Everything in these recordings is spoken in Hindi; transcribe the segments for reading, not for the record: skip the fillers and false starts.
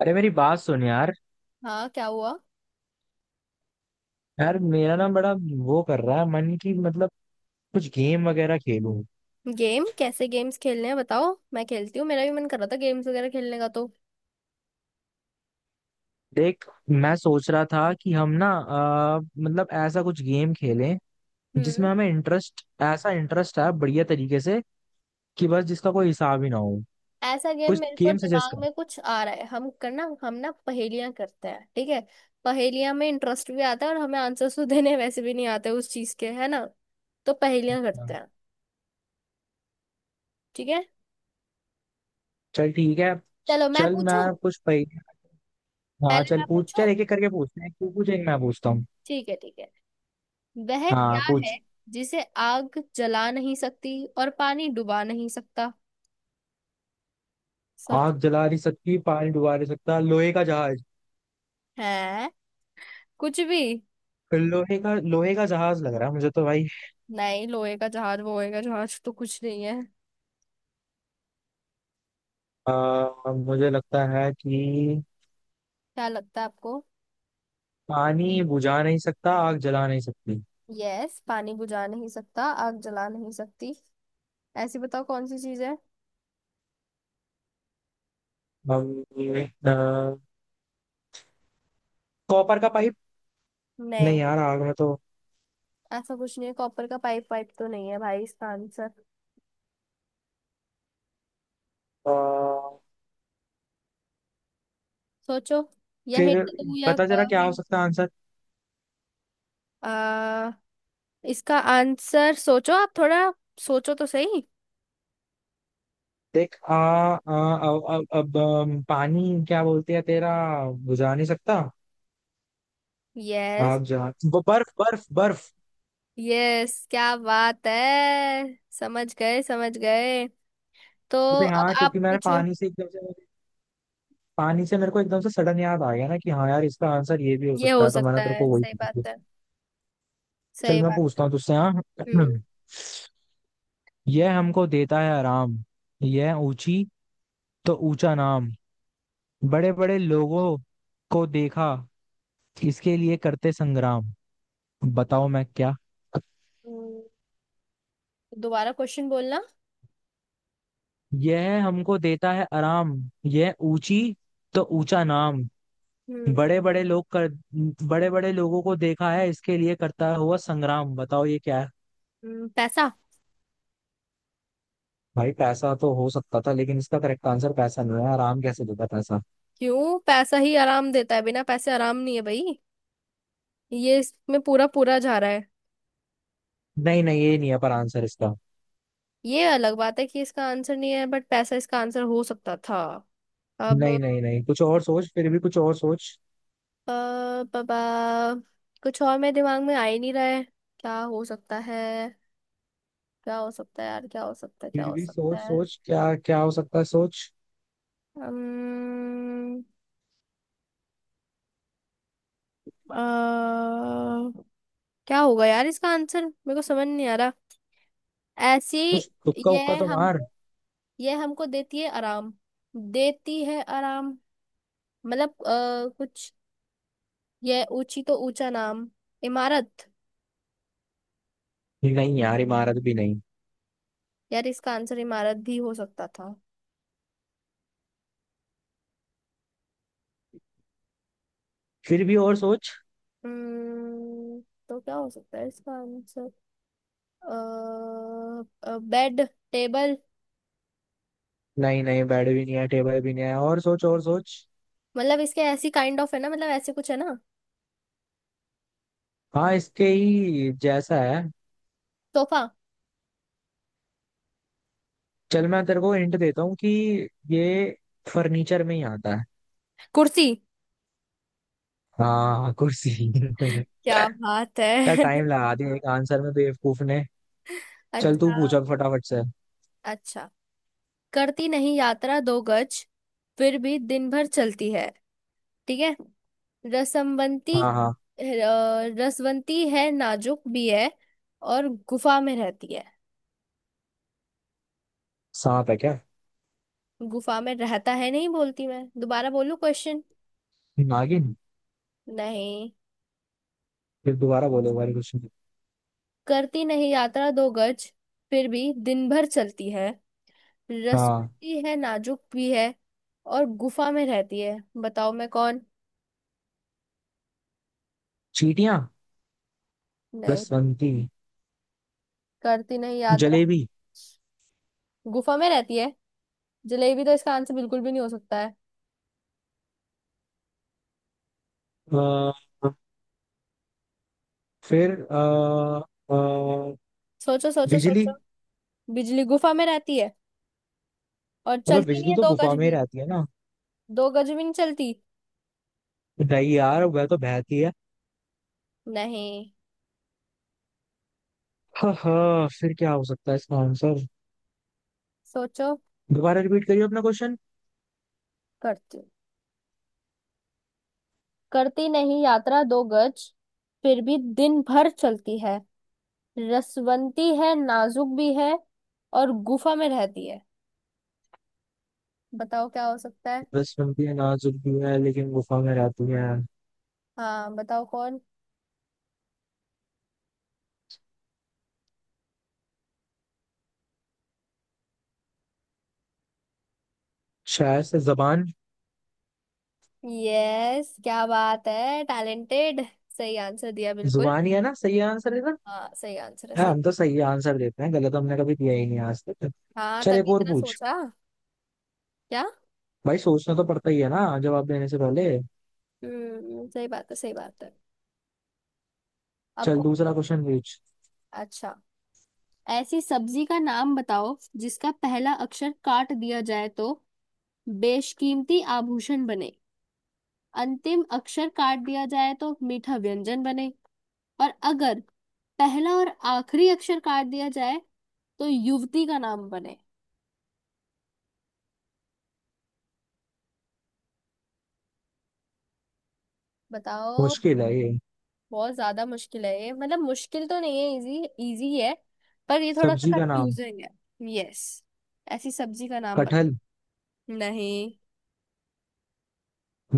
अरे मेरी बात सुन यार। हाँ, क्या हुआ। यार मेरा ना बड़ा वो कर रहा है मन की, मतलब कुछ गेम वगैरह खेलूं। गेम? कैसे गेम्स खेलने हैं बताओ, मैं खेलती हूँ। मेरा भी मन कर रहा था गेम्स वगैरह खेलने का तो। देख, मैं सोच रहा था कि हम ना, मतलब ऐसा कुछ गेम खेलें हम्म जिसमें हमें इंटरेस्ट, ऐसा इंटरेस्ट है बढ़िया तरीके से कि बस जिसका कोई हिसाब ही ना हो। ऐसा गेम कुछ मेरे को गेम सजेस्ट दिमाग कर। में कुछ आ रहा है। हम ना पहेलियां करते हैं, ठीक है। पहेलियां में इंटरेस्ट भी आता है और हमें आंसर्स तो देने वैसे भी नहीं आते उस चीज के, है ना। तो पहेलियां करते हाँ। हैं। ठीक है। चल ठीक है। चलो मैं चल पूछूं। मैं कुछ पह... हाँ पहले चल मैं पूछ। पूछूं। चल एक एक करके पूछते हैं, तू पूछ एक, मैं पूछता हूँ। ठीक है, ठीक है। वह हाँ क्या है पूछ। जिसे आग जला नहीं सकती और पानी डुबा नहीं सकता। सोच। आग जला नहीं सकती, पानी डुबा नहीं सकता, लोहे का जहाज। है? कुछ भी लोहे का जहाज लग रहा है मुझे तो भाई। नहीं। लोहे का जहाज वोहे का जहाज तो कुछ नहीं है। मुझे लगता है कि क्या लगता है आपको? पानी बुझा नहीं सकता, आग जला नहीं सकती। यस, पानी बुझा नहीं सकता आग जला नहीं सकती। ऐसी बताओ कौन सी चीज है। हम कॉपर का पाइप। नहीं, नहीं यार, आग में तो ऐसा कुछ नहीं है। कॉपर का पाइप पाइप तो नहीं है भाई इसका आंसर। अ, सोचो। या फिर हिंट दूं या? पता जरा क्या हो हिंट। सकता है आंसर। आ, इसका आंसर सोचो आप थोड़ा। सोचो तो सही। देख, आ, आ, अब पानी क्या बोलते हैं तेरा, बुझा नहीं सकता, यस। आग जला। वो बर्फ बर्फ बर्फ। यस, क्या बात है। समझ गए समझ गए। तो अरे अब हाँ, आप क्योंकि मैंने पूछो। पानी से एकदम से पानी से मेरे को एकदम से सडन याद आ गया ना कि हाँ यार, इसका आंसर ये भी हो ये सकता हो है, तो मैंने सकता तेरे है, को वही सही पूछ लिया। बात है। चल सही मैं बात। पूछता हूँ तुझसे। हाँ हम्म। यह हमको देता है आराम, यह ऊंची तो ऊंचा नाम, बड़े बड़े लोगों को देखा इसके लिए करते संग्राम, बताओ मैं क्या। हम्म, दोबारा क्वेश्चन बोलना। यह हमको देता है आराम, यह ऊंची तो ऊंचा नाम, हम्म। बड़े बड़े लोग कर बड़े बड़े लोगों को देखा है इसके लिए करता हुआ संग्राम, बताओ ये क्या है। पैसा। भाई पैसा तो हो सकता था, लेकिन इसका करेक्ट आंसर पैसा नहीं है। आराम कैसे देता पैसा। क्यों, पैसा ही आराम देता है, बिना पैसे आराम नहीं है भाई। ये इसमें पूरा पूरा जा रहा है। नहीं नहीं, ये नहीं है पर आंसर इसका। ये अलग बात है कि इसका आंसर नहीं है बट पैसा इसका आंसर हो सकता था। अब, नहीं नहीं नहीं, कुछ और सोच, फिर भी कुछ और सोच। पापा। कुछ और मेरे दिमाग में आ ही नहीं रहा है। क्या हो सकता है? क्या हो सकता है यार? क्या हो सकता है? क्या फिर हो भी सकता सोच है? सोच, क्या क्या हो सकता है, सोच। अम्म, अ, क्या होगा यार इसका आंसर मेरे को समझ नहीं आ रहा। ऐसी। कुछ तुक्का उक्का तो यह हम। मार। यह हमको देती है आराम। देती है आराम। मतलब कुछ। यह ऊंची तो ऊंचा नाम। इमारत। नहीं यार, इमारत भी नहीं। यार इसका आंसर इमारत भी हो सकता था। फिर भी और सोच। हम्म। तो क्या हो सकता है इसका आंसर? अ बेड। टेबल। नहीं नहीं, बेड भी नहीं है, टेबल भी नहीं है, और सोच और सोच। मतलब इसके ऐसी काइंड ऑफ है ना, मतलब ऐसे कुछ है ना। हाँ इसके ही जैसा है। सोफा। चल मैं तेरे को हिंट देता हूँ कि ये फर्नीचर में ही आता है। कुर्सी। हाँ कुर्सी क्या बात यार है। टाइम लगा दिया एक आंसर में बेवकूफ ने। चल तू अच्छा। पूछा फटाफट से। अच्छा, करती नहीं यात्रा 2 गज, फिर भी दिन भर चलती है। ठीक है। रसमवंती। हाँ हाँ। अ, रसवंती है नाजुक भी है और गुफा में रहती है। सांप है क्या। गुफा में रहता है, नहीं बोलती, मैं दोबारा बोलूं क्वेश्चन? नागिन। नहीं, फिर दोबारा बोलो बारी कुछ। करती नहीं यात्रा दो गज, फिर भी दिन भर चलती है, हाँ। रसवंती है नाजुक भी है और गुफा में रहती है, बताओ मैं कौन। चींटियां। नहीं, बसंती। करती नहीं यात्रा, जलेबी। गुफा में रहती है। जलेबी तो इसका आंसर बिल्कुल भी नहीं हो सकता है। आ, फिर आ, आ, सोचो सोचो बिजली। सोचो। बिजली गुफा में रहती है और अबे चलती नहीं बिजली है तो 2 गज गुफा में ही भी। रहती है ना। 2 गज भी नहीं चलती। नहीं यार, वह तो बहती है। नहीं। हाँ हाँ, फिर क्या हो सकता है इसका आंसर। सोचो। दोबारा रिपीट करिए अपना क्वेश्चन। करती, करती नहीं यात्रा 2 गज, फिर भी दिन भर चलती है, रसवंती है नाजुक भी है और गुफा में रहती है, बताओ क्या हो सकता है। बस बनती है नाजुक भी है लेकिन गुफा में रहती है। हाँ, बताओ कौन। शायद से जबान। यस, क्या बात है, टैलेंटेड। सही आंसर दिया बिल्कुल। जुबान ही है ना, सही आंसर है ना। हाँ, सही आंसर है, हाँ, सही। हम तो सही आंसर देते हैं, गलत हमने कभी दिया ही नहीं आज तक। हाँ, चल एक तभी और इतना पूछ। सोचा। क्या। भाई सोचना तो पड़ता ही है ना जवाब देने से पहले। सही बात है, सही बात है। चल आपको। दूसरा क्वेश्चन पूछ। अच्छा। ऐसी सब्जी का नाम बताओ जिसका पहला अक्षर काट दिया जाए तो बेशकीमती आभूषण बने, अंतिम अक्षर काट दिया जाए तो मीठा व्यंजन बने, और अगर पहला और आखिरी अक्षर काट दिया जाए तो युवती का नाम बने। बताओ। मुश्किल है ये। बहुत ज्यादा मुश्किल है ये, मतलब मुश्किल तो नहीं है, इजी। इजी है। पर ये थोड़ा सा सब्जी का नाम। कंफ्यूजिंग है। यस। ऐसी सब्जी का नाम कटहल। बता। नहीं।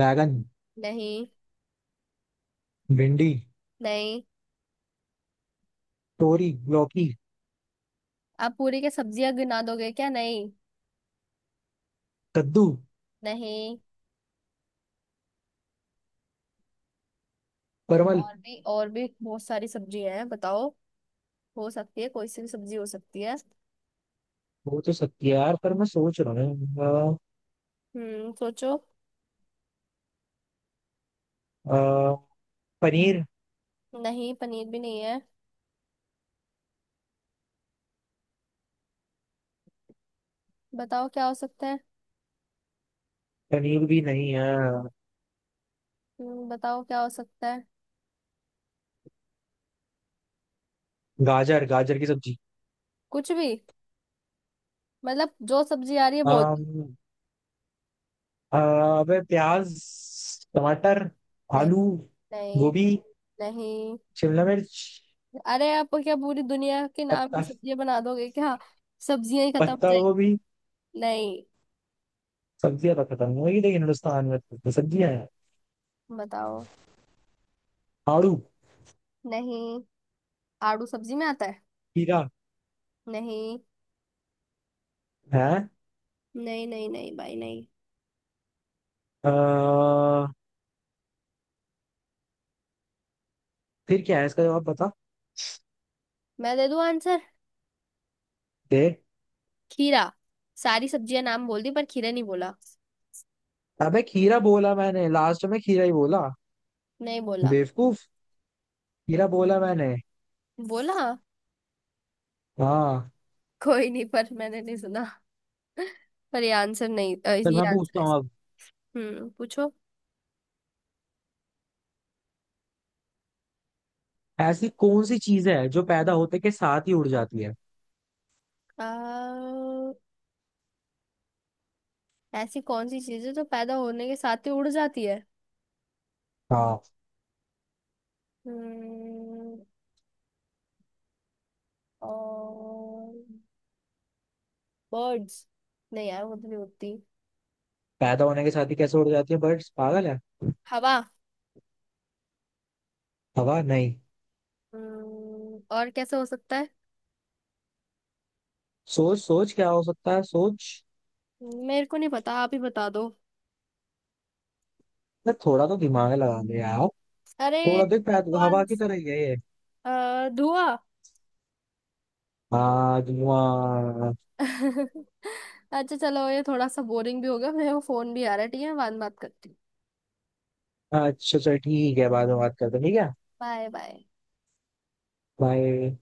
बैगन। नहीं। भिंडी। नहीं। तोरी, लौकी। आप पूरी के सब्जियां गिना दोगे क्या? नहीं। कद्दू। नहीं। परवल। और भी और भी बहुत सारी सब्जियां हैं, बताओ। हो सकती है, कोई सी भी सब्जी हो सकती है। हो तो सकती है यार पर मैं सोच रहा हूँ। सोचो। अ, अ, पनीर। नहीं, पनीर भी नहीं है। बताओ क्या हो सकता है। पनीर भी नहीं है। बताओ क्या हो सकता है। गाजर, गाजर की सब्जी। कुछ भी। मतलब जो सब्जी आ रही है वो। अम, अबे प्याज। टमाटर। नहीं। आलू। नहीं। गोभी। नहीं। शिमला मिर्च। अरे आप क्या पूरी दुनिया के नाम की पत्ता, सब्जियां बना दोगे क्या? सब्जियां ही खत्म हो पत्ता जाएगी। गोभी। नहीं। सब्जियां तो खत्म हो गई, लेकिन हिंदुस्तान में तो सब्जियां हैं। बताओ। आड़ू। नहीं, आड़ू सब्जी में आता है? खीरा। नहीं। है। नहीं नहीं नहीं भाई नहीं। अ, फिर क्या है इसका जवाब, बता मैं दे दूं आंसर? दे। खीरा। सारी सब्जियां नाम बोल दी पर खीरा नहीं बोला। अबे खीरा बोला मैंने, लास्ट में खीरा ही बोला। नहीं बोला। बेवकूफ, खीरा बोला मैंने। बोला। हाँ। कोई नहीं पर मैंने नहीं सुना। पर ये आंसर नहीं, चल ये मैं आंसर पूछता है हूँ अब। इसका। पूछो। ऐसी कौन सी चीज है जो पैदा होते के साथ ही उड़ जाती है। आ, ऐसी कौन सी चीज है जो पैदा होने के साथ ही उड़ जाती है। हाँ। हम्म। और। बर्ड्स। नहीं यार वो तो नहीं उड़ती। पैदा होने के साथ ही कैसे उड़ जाती है, बर्ड्स पागल है। हवा। हवा नहीं। और कैसे हो सकता है? सोच सोच क्या हो सकता है, सोच। मेरे को नहीं पता, आप ही बता दो। मैं थोड़ा तो दिमाग लगा ले यार। अरे। थोड़ा देख, पैदा मेरे तो को हवा की आंसर। तरह ही है ये। धुआं। हाँ, धुआं। अच्छा चलो, ये थोड़ा सा बोरिंग भी हो गया, मेरे को फोन भी आ रहा है, ठीक है, बाद में बात करती हूँ। अच्छा चल ठीक है, बाद में बात करते हैं, ठीक है। Bye bye. बाय।